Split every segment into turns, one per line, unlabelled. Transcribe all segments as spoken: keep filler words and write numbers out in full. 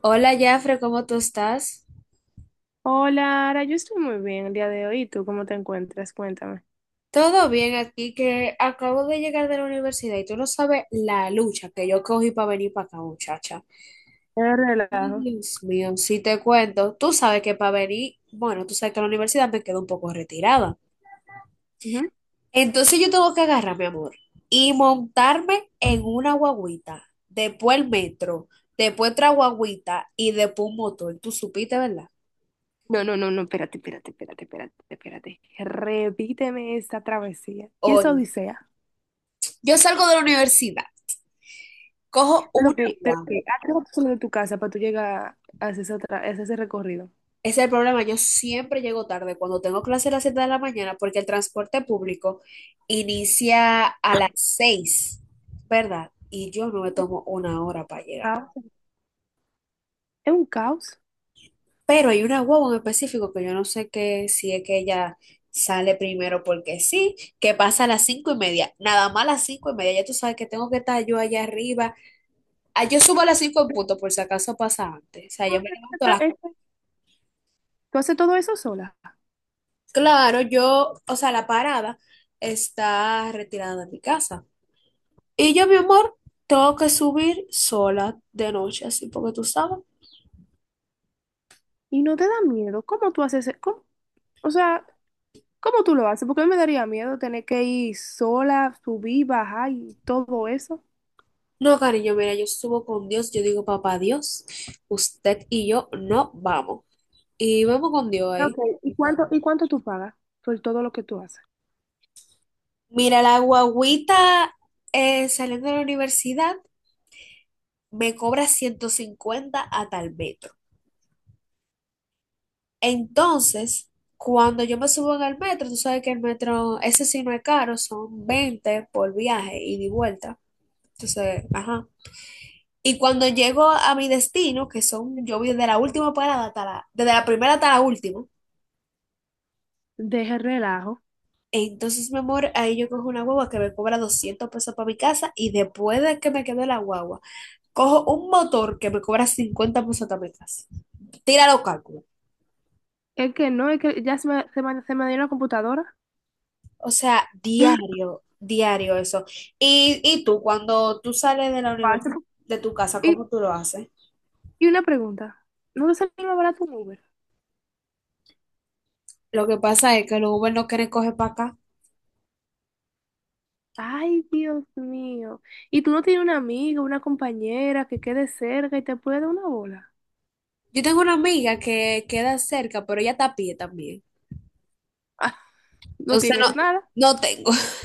Hola, Jafre, ¿cómo tú estás?
Hola, Ara, yo estoy muy bien el día de hoy. ¿Y tú cómo te encuentras? Cuéntame.
Todo bien aquí, que acabo de llegar de la universidad y tú no sabes la lucha que yo cogí para venir para acá, muchacha.
Qué
Ay,
relajo.
Dios mío, si te cuento, tú sabes que para venir, bueno, tú sabes que la universidad me queda un poco retirada.
Ujú.
Entonces yo tengo que agarrar, mi amor, y montarme en una guagüita, después el metro, después otra guagüita y después un motor. Tú supiste, ¿verdad?
No, no, no, no, espérate, espérate, espérate, espérate, espérate. Repíteme esta travesía y esa
Hoy,
odisea.
yo salgo de la universidad, cojo
Pero
una
que, pero que,
guagua.
¿a qué hora tú sales de tu casa para tú llegar a hacer esa tra- a hacer ese recorrido?
Ese es el problema. Yo siempre llego tarde cuando tengo clase a las siete de la mañana porque el transporte público inicia a las seis, ¿verdad? Y yo no me
Un
tomo una hora para llegar.
Caos. Es un caos.
Pero hay una guagua en específico que yo no sé qué, si es que ella sale primero porque sí, que pasa a las cinco y media. Nada más a las cinco y media. Ya tú sabes que tengo que estar yo allá arriba. Ah, yo subo a las cinco en punto por si acaso pasa antes. O sea, yo me levanto a las...
Tú haces todo eso sola
Claro, yo, o sea, la parada está retirada de mi casa. Y yo, mi amor, tengo que subir sola de noche, así porque tú sabes.
y no te da miedo. ¿Cómo tú haces? e- cómo- O sea, ¿cómo tú lo haces? Porque a mí me daría miedo tener que ir sola, subir, bajar y todo eso.
No, cariño, mira, yo subo con Dios, yo digo, papá Dios, usted y yo no vamos. Y vamos con Dios
Ok,
ahí.
¿y cuánto, y cuánto tú pagas por todo lo que tú haces?
Mira, la guagüita eh, saliendo de la universidad me cobra ciento cincuenta a tal metro. Entonces, cuando yo me subo en el metro, tú sabes que el metro, ese sí no es caro, son veinte por viaje ida y de vuelta. Entonces, ajá. Y cuando llego a mi destino, que son, yo voy desde la última parada hasta la, desde la primera hasta la última,
Deje el relajo.
entonces, mi amor, ahí yo cojo una guagua que me cobra doscientos pesos para mi casa y después de que me quede la guagua, cojo un motor que me cobra cincuenta pesos para mi casa. Tira los cálculos.
Es que no, es que ya se me, se me, se me dio la computadora.
O sea, diario, diario eso. Y, y tú, cuando tú sales de la universidad,
Cuatro.
de tu casa,
Y,
¿cómo tú lo haces?
y una pregunta, ¿no te salió más barato un Uber?
Lo que pasa es que los Uber no quieren coger para acá.
Ay, Dios mío. ¿Y tú no tienes una amiga, una compañera que quede cerca y te puede dar una bola?
Yo tengo una amiga que queda cerca, pero ella está a pie también.
Ah, no
Entonces
tienes
no,
nada.
no tengo.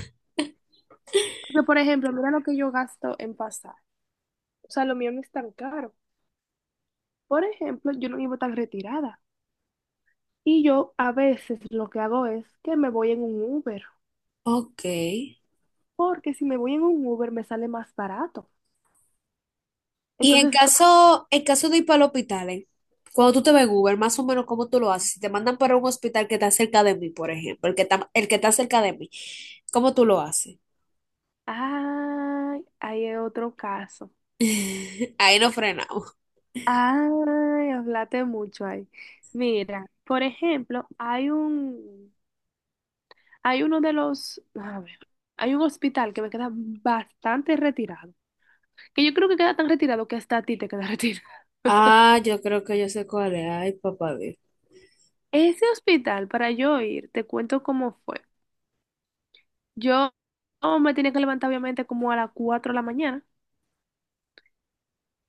Pero, por ejemplo, mira lo que yo gasto en pasar. O sea, lo mío no es tan caro. Por ejemplo, yo no vivo tan retirada. Y yo a veces lo que hago es que me voy en un Uber.
Ok. Y
Porque si me voy en un Uber me sale más barato.
en
Entonces, co-
caso, en caso de ir para el hospital, ¿eh? Cuando tú te ves en Uber, más o menos cómo tú lo haces. Si te mandan para un hospital que está cerca de mí, por ejemplo, el que está, el que está cerca de mí, ¿cómo tú lo haces?
ay, ahí hay otro caso.
Ahí no frenamos.
Ay, hablaste mucho ahí. Mira, por ejemplo, hay un, hay uno de los, a ver, hay un hospital que me queda bastante retirado, que yo creo que queda tan retirado que hasta a ti te queda retirado.
Ah, yo creo que yo sé cuál es. Ay, papá Dios.
Ese hospital, para yo ir, te cuento cómo fue. Yo me tenía que levantar obviamente como a las cuatro de la mañana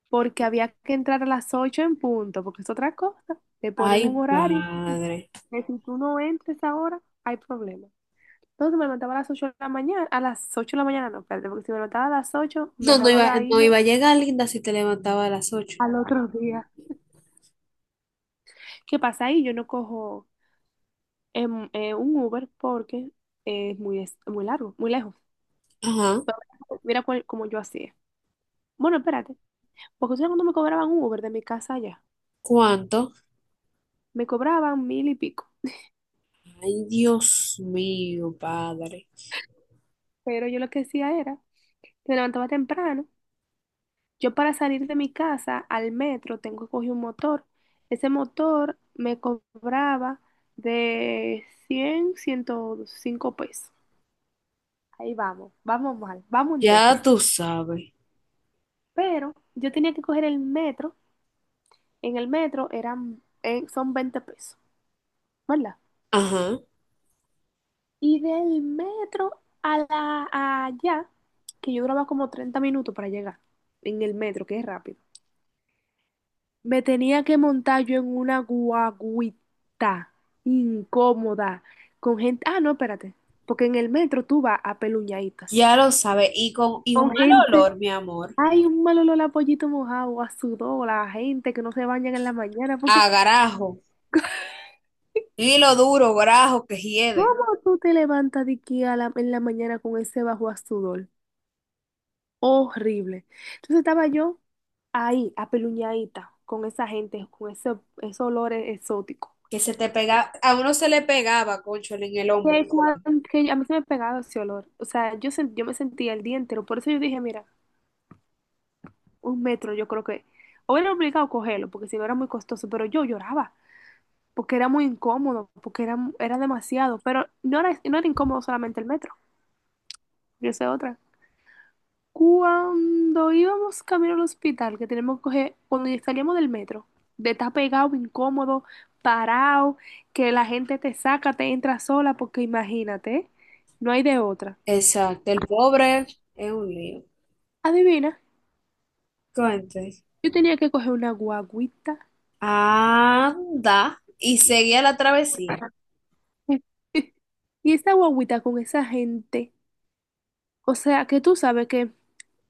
porque había que entrar a las ocho en punto, porque es otra cosa. Te ponen un
Ay,
horario,
padre.
que si tú no entres ahora, hay problema. Entonces me levantaba a las ocho de la mañana, a las ocho de la mañana no, espérate, porque si me levantaba a las ocho
No, no
mejor
iba,
era
no
irme
iba a llegar, linda, si te levantaba a las ocho.
al otro día. ¿Qué pasa ahí? Yo no cojo em, eh, un Uber porque es muy, es- muy largo, muy lejos.
Ajá.
Pero mira cuál- cómo yo hacía. Bueno, espérate, porque ustedes cuando me cobraban un Uber de mi casa allá,
¿Cuánto?
me cobraban mil y pico.
Ay, Dios mío, padre.
Pero yo lo que hacía era, me levantaba temprano. Yo para salir de mi casa al metro tengo que coger un motor. Ese motor me cobraba de cien, ciento cinco pesos. Ahí vamos, vamos mal, vamos en
Ya
déficit.
tú sabes.
Pero yo tenía que coger el metro. En el metro eran, eh, son veinte pesos, ¿verdad?
Ajá.
Y del metro a la, a allá, que yo duraba como treinta minutos para llegar en el metro, que es rápido. Me tenía que montar yo en una guaguita incómoda con gente. Ah, no, espérate. Porque en el metro tú vas apeluñadito así.
Ya lo sabe. Y con y un
Con
mal
gente.
olor, mi amor,
Hay un mal olor a pollito mojado, a sudor, a gente que no se bañan en la mañana. Porque,
a garajo. Hilo duro, grajo que hiede.
¿cómo tú te levantas de aquí a la- en la mañana con ese bajo a sudor? Horrible. Entonces estaba yo ahí, apeluñadita, con esa gente, con ese, esos olores exóticos.
Que se te pega, a uno se le pegaba, concho, en el hombro.
que,
Se va.
cuan- que a mí se me pegaba ese olor. O sea, yo, sen- yo me sentía el día entero. Por eso yo dije, mira, un metro yo creo que... O era obligado a cogerlo, porque si no era muy costoso, pero yo lloraba, porque era muy incómodo, porque era, era demasiado. Pero no era, no era incómodo solamente el metro, yo sé otra. Cuando íbamos camino al hospital, que tenemos que coger, cuando salíamos del metro, de estar pegado, incómodo, parado, que la gente te saca, te entra sola, porque imagínate, no hay de otra.
Exacto. El pobre es un lío.
Adivina.
Cuente.
Yo tenía que coger una guaguita.
Anda. Y seguía la travesía.
Y esa guaguita con esa gente, o sea, que tú sabes que,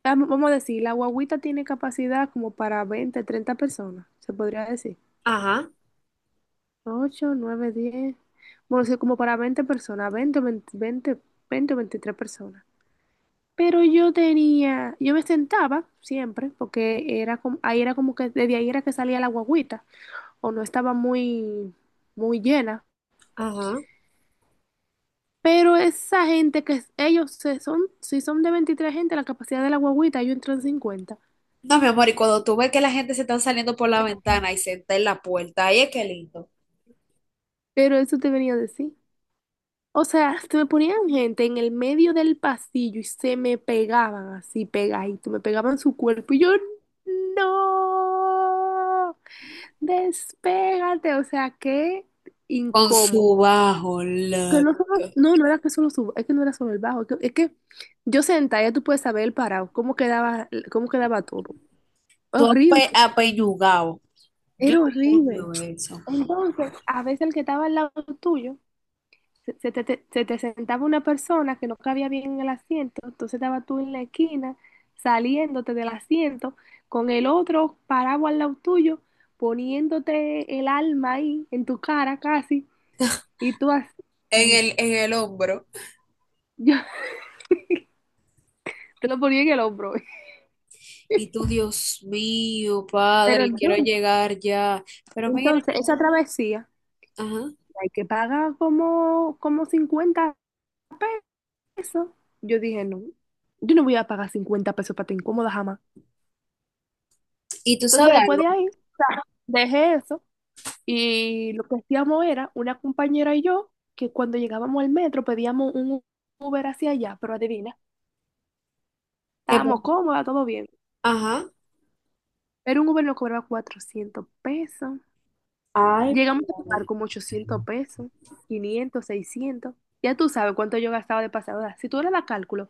ah, vamos a decir, la guaguita tiene capacidad como para veinte treinta personas, se podría decir.
Ajá,
Ocho nueve diez, bueno, sí, como para veinte personas, veinte veinte veinte 20 o veintitrés personas. Pero yo tenía, yo me sentaba siempre, porque era como, ahí era como que, desde ahí era que salía la guaguita o no estaba muy, muy llena.
ajá.
Pero esa gente que es- ellos se son, si son de veintitrés gente, la capacidad de la guagüita, yo entro en cincuenta.
No, mi amor, y cuando tú ves que la gente se está saliendo por la ventana y se está en la puerta, ahí es que lindo.
Pero eso te venía a decir. O sea, se me ponían gente en el medio del pasillo y se me pegaban así, pegadito, me pegaban su cuerpo y yo, no, despégate, o sea, qué
Con
incómodo.
su bajo,
Que
la,
no, solo- no, no era que solo subo, es que no era solo el bajo, es que, es que yo sentada, ya tú puedes saber el parado, cómo quedaba, cómo quedaba todo.
tú
Horrible,
ape, apeñugado. Yo
era horrible.
odio eso.
Entonces, a veces el que estaba al lado tuyo, se, se te, te- se te sentaba una persona que no cabía bien en el asiento, entonces estaba tú en la esquina, saliéndote del asiento, con el otro parado al lado tuyo, poniéndote el alma ahí, en tu cara casi, y tú así,
en el, en el hombro.
yo te lo ponía en el hombro.
Y tú, Dios mío,
Pero
padre, quiero
entonces,
llegar ya. Pero mira,
entonces, esa travesía,
ajá.
hay que pagar como, como cincuenta pesos. Yo dije, no, yo no voy a pagar cincuenta pesos para te incómoda jamás.
Y tú
Entonces,
sabes
después de
algo,
ahí, dejé eso y lo que hacíamos era una compañera y yo que cuando llegábamos al metro pedíamos un Uber hacia allá, pero adivina, estábamos
que-
cómodas, todo bien.
ajá.
Pero un Uber nos cobraba cuatrocientos pesos.
Ay,
Llegamos a pagar
padre.
como ochocientos pesos, quinientos seiscientos. Ya tú sabes cuánto yo gastaba de pasada. Si tú eras la cálculo,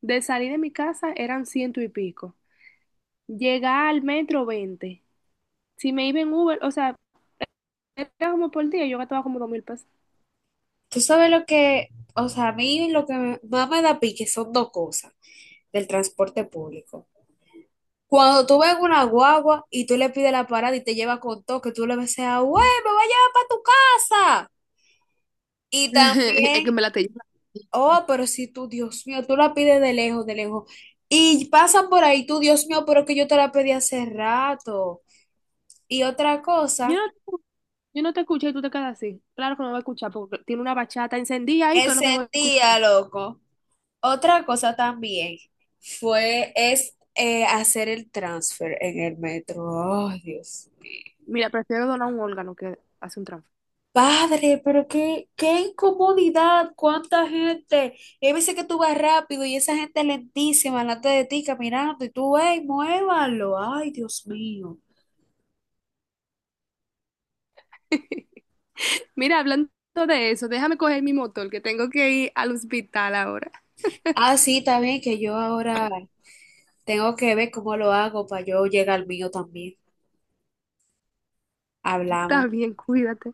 de salir de mi casa eran ciento y pico. Llegar al metro, veinte. Si me iba en Uber, o sea, era como por día, yo gastaba como dos mil pesos.
Tú sabes lo que, o sea, a mí lo que me- más me da pique son dos cosas del transporte público. Cuando tú ves una guagua y tú le pides la parada y te lleva con todo, que tú le ves a, güey, me voy a llevar para tu casa. Y
Es que
también
me la te.
oh, pero si tú, Dios mío, tú la pides de lejos, de lejos. Y pasan por ahí, tú, Dios mío, pero que yo te la pedí hace rato. Y otra
Yo
cosa,
no, te- yo no te escuché y tú te quedas así. Claro que no voy a escuchar porque tiene una bachata encendida ahí, que es lo
ese
que voy a
día,
escuchar.
loco. Otra cosa también fue, es eh, hacer el transfer en el metro. Ay, Dios.
Mira, prefiero donar un órgano que hacer un trance.
Padre, pero qué, qué incomodidad, cuánta gente. Y hay veces que tú vas rápido y esa gente lentísima delante de ti caminando y tú, ey, muévalo. Ay, Dios mío.
Mira, hablando de eso, déjame coger mi motor, que tengo que ir al hospital ahora.
Ah, sí, también que yo ahora tengo que ver cómo lo hago para yo llegar al mío también. Hablamos.
Está bien, cuídate.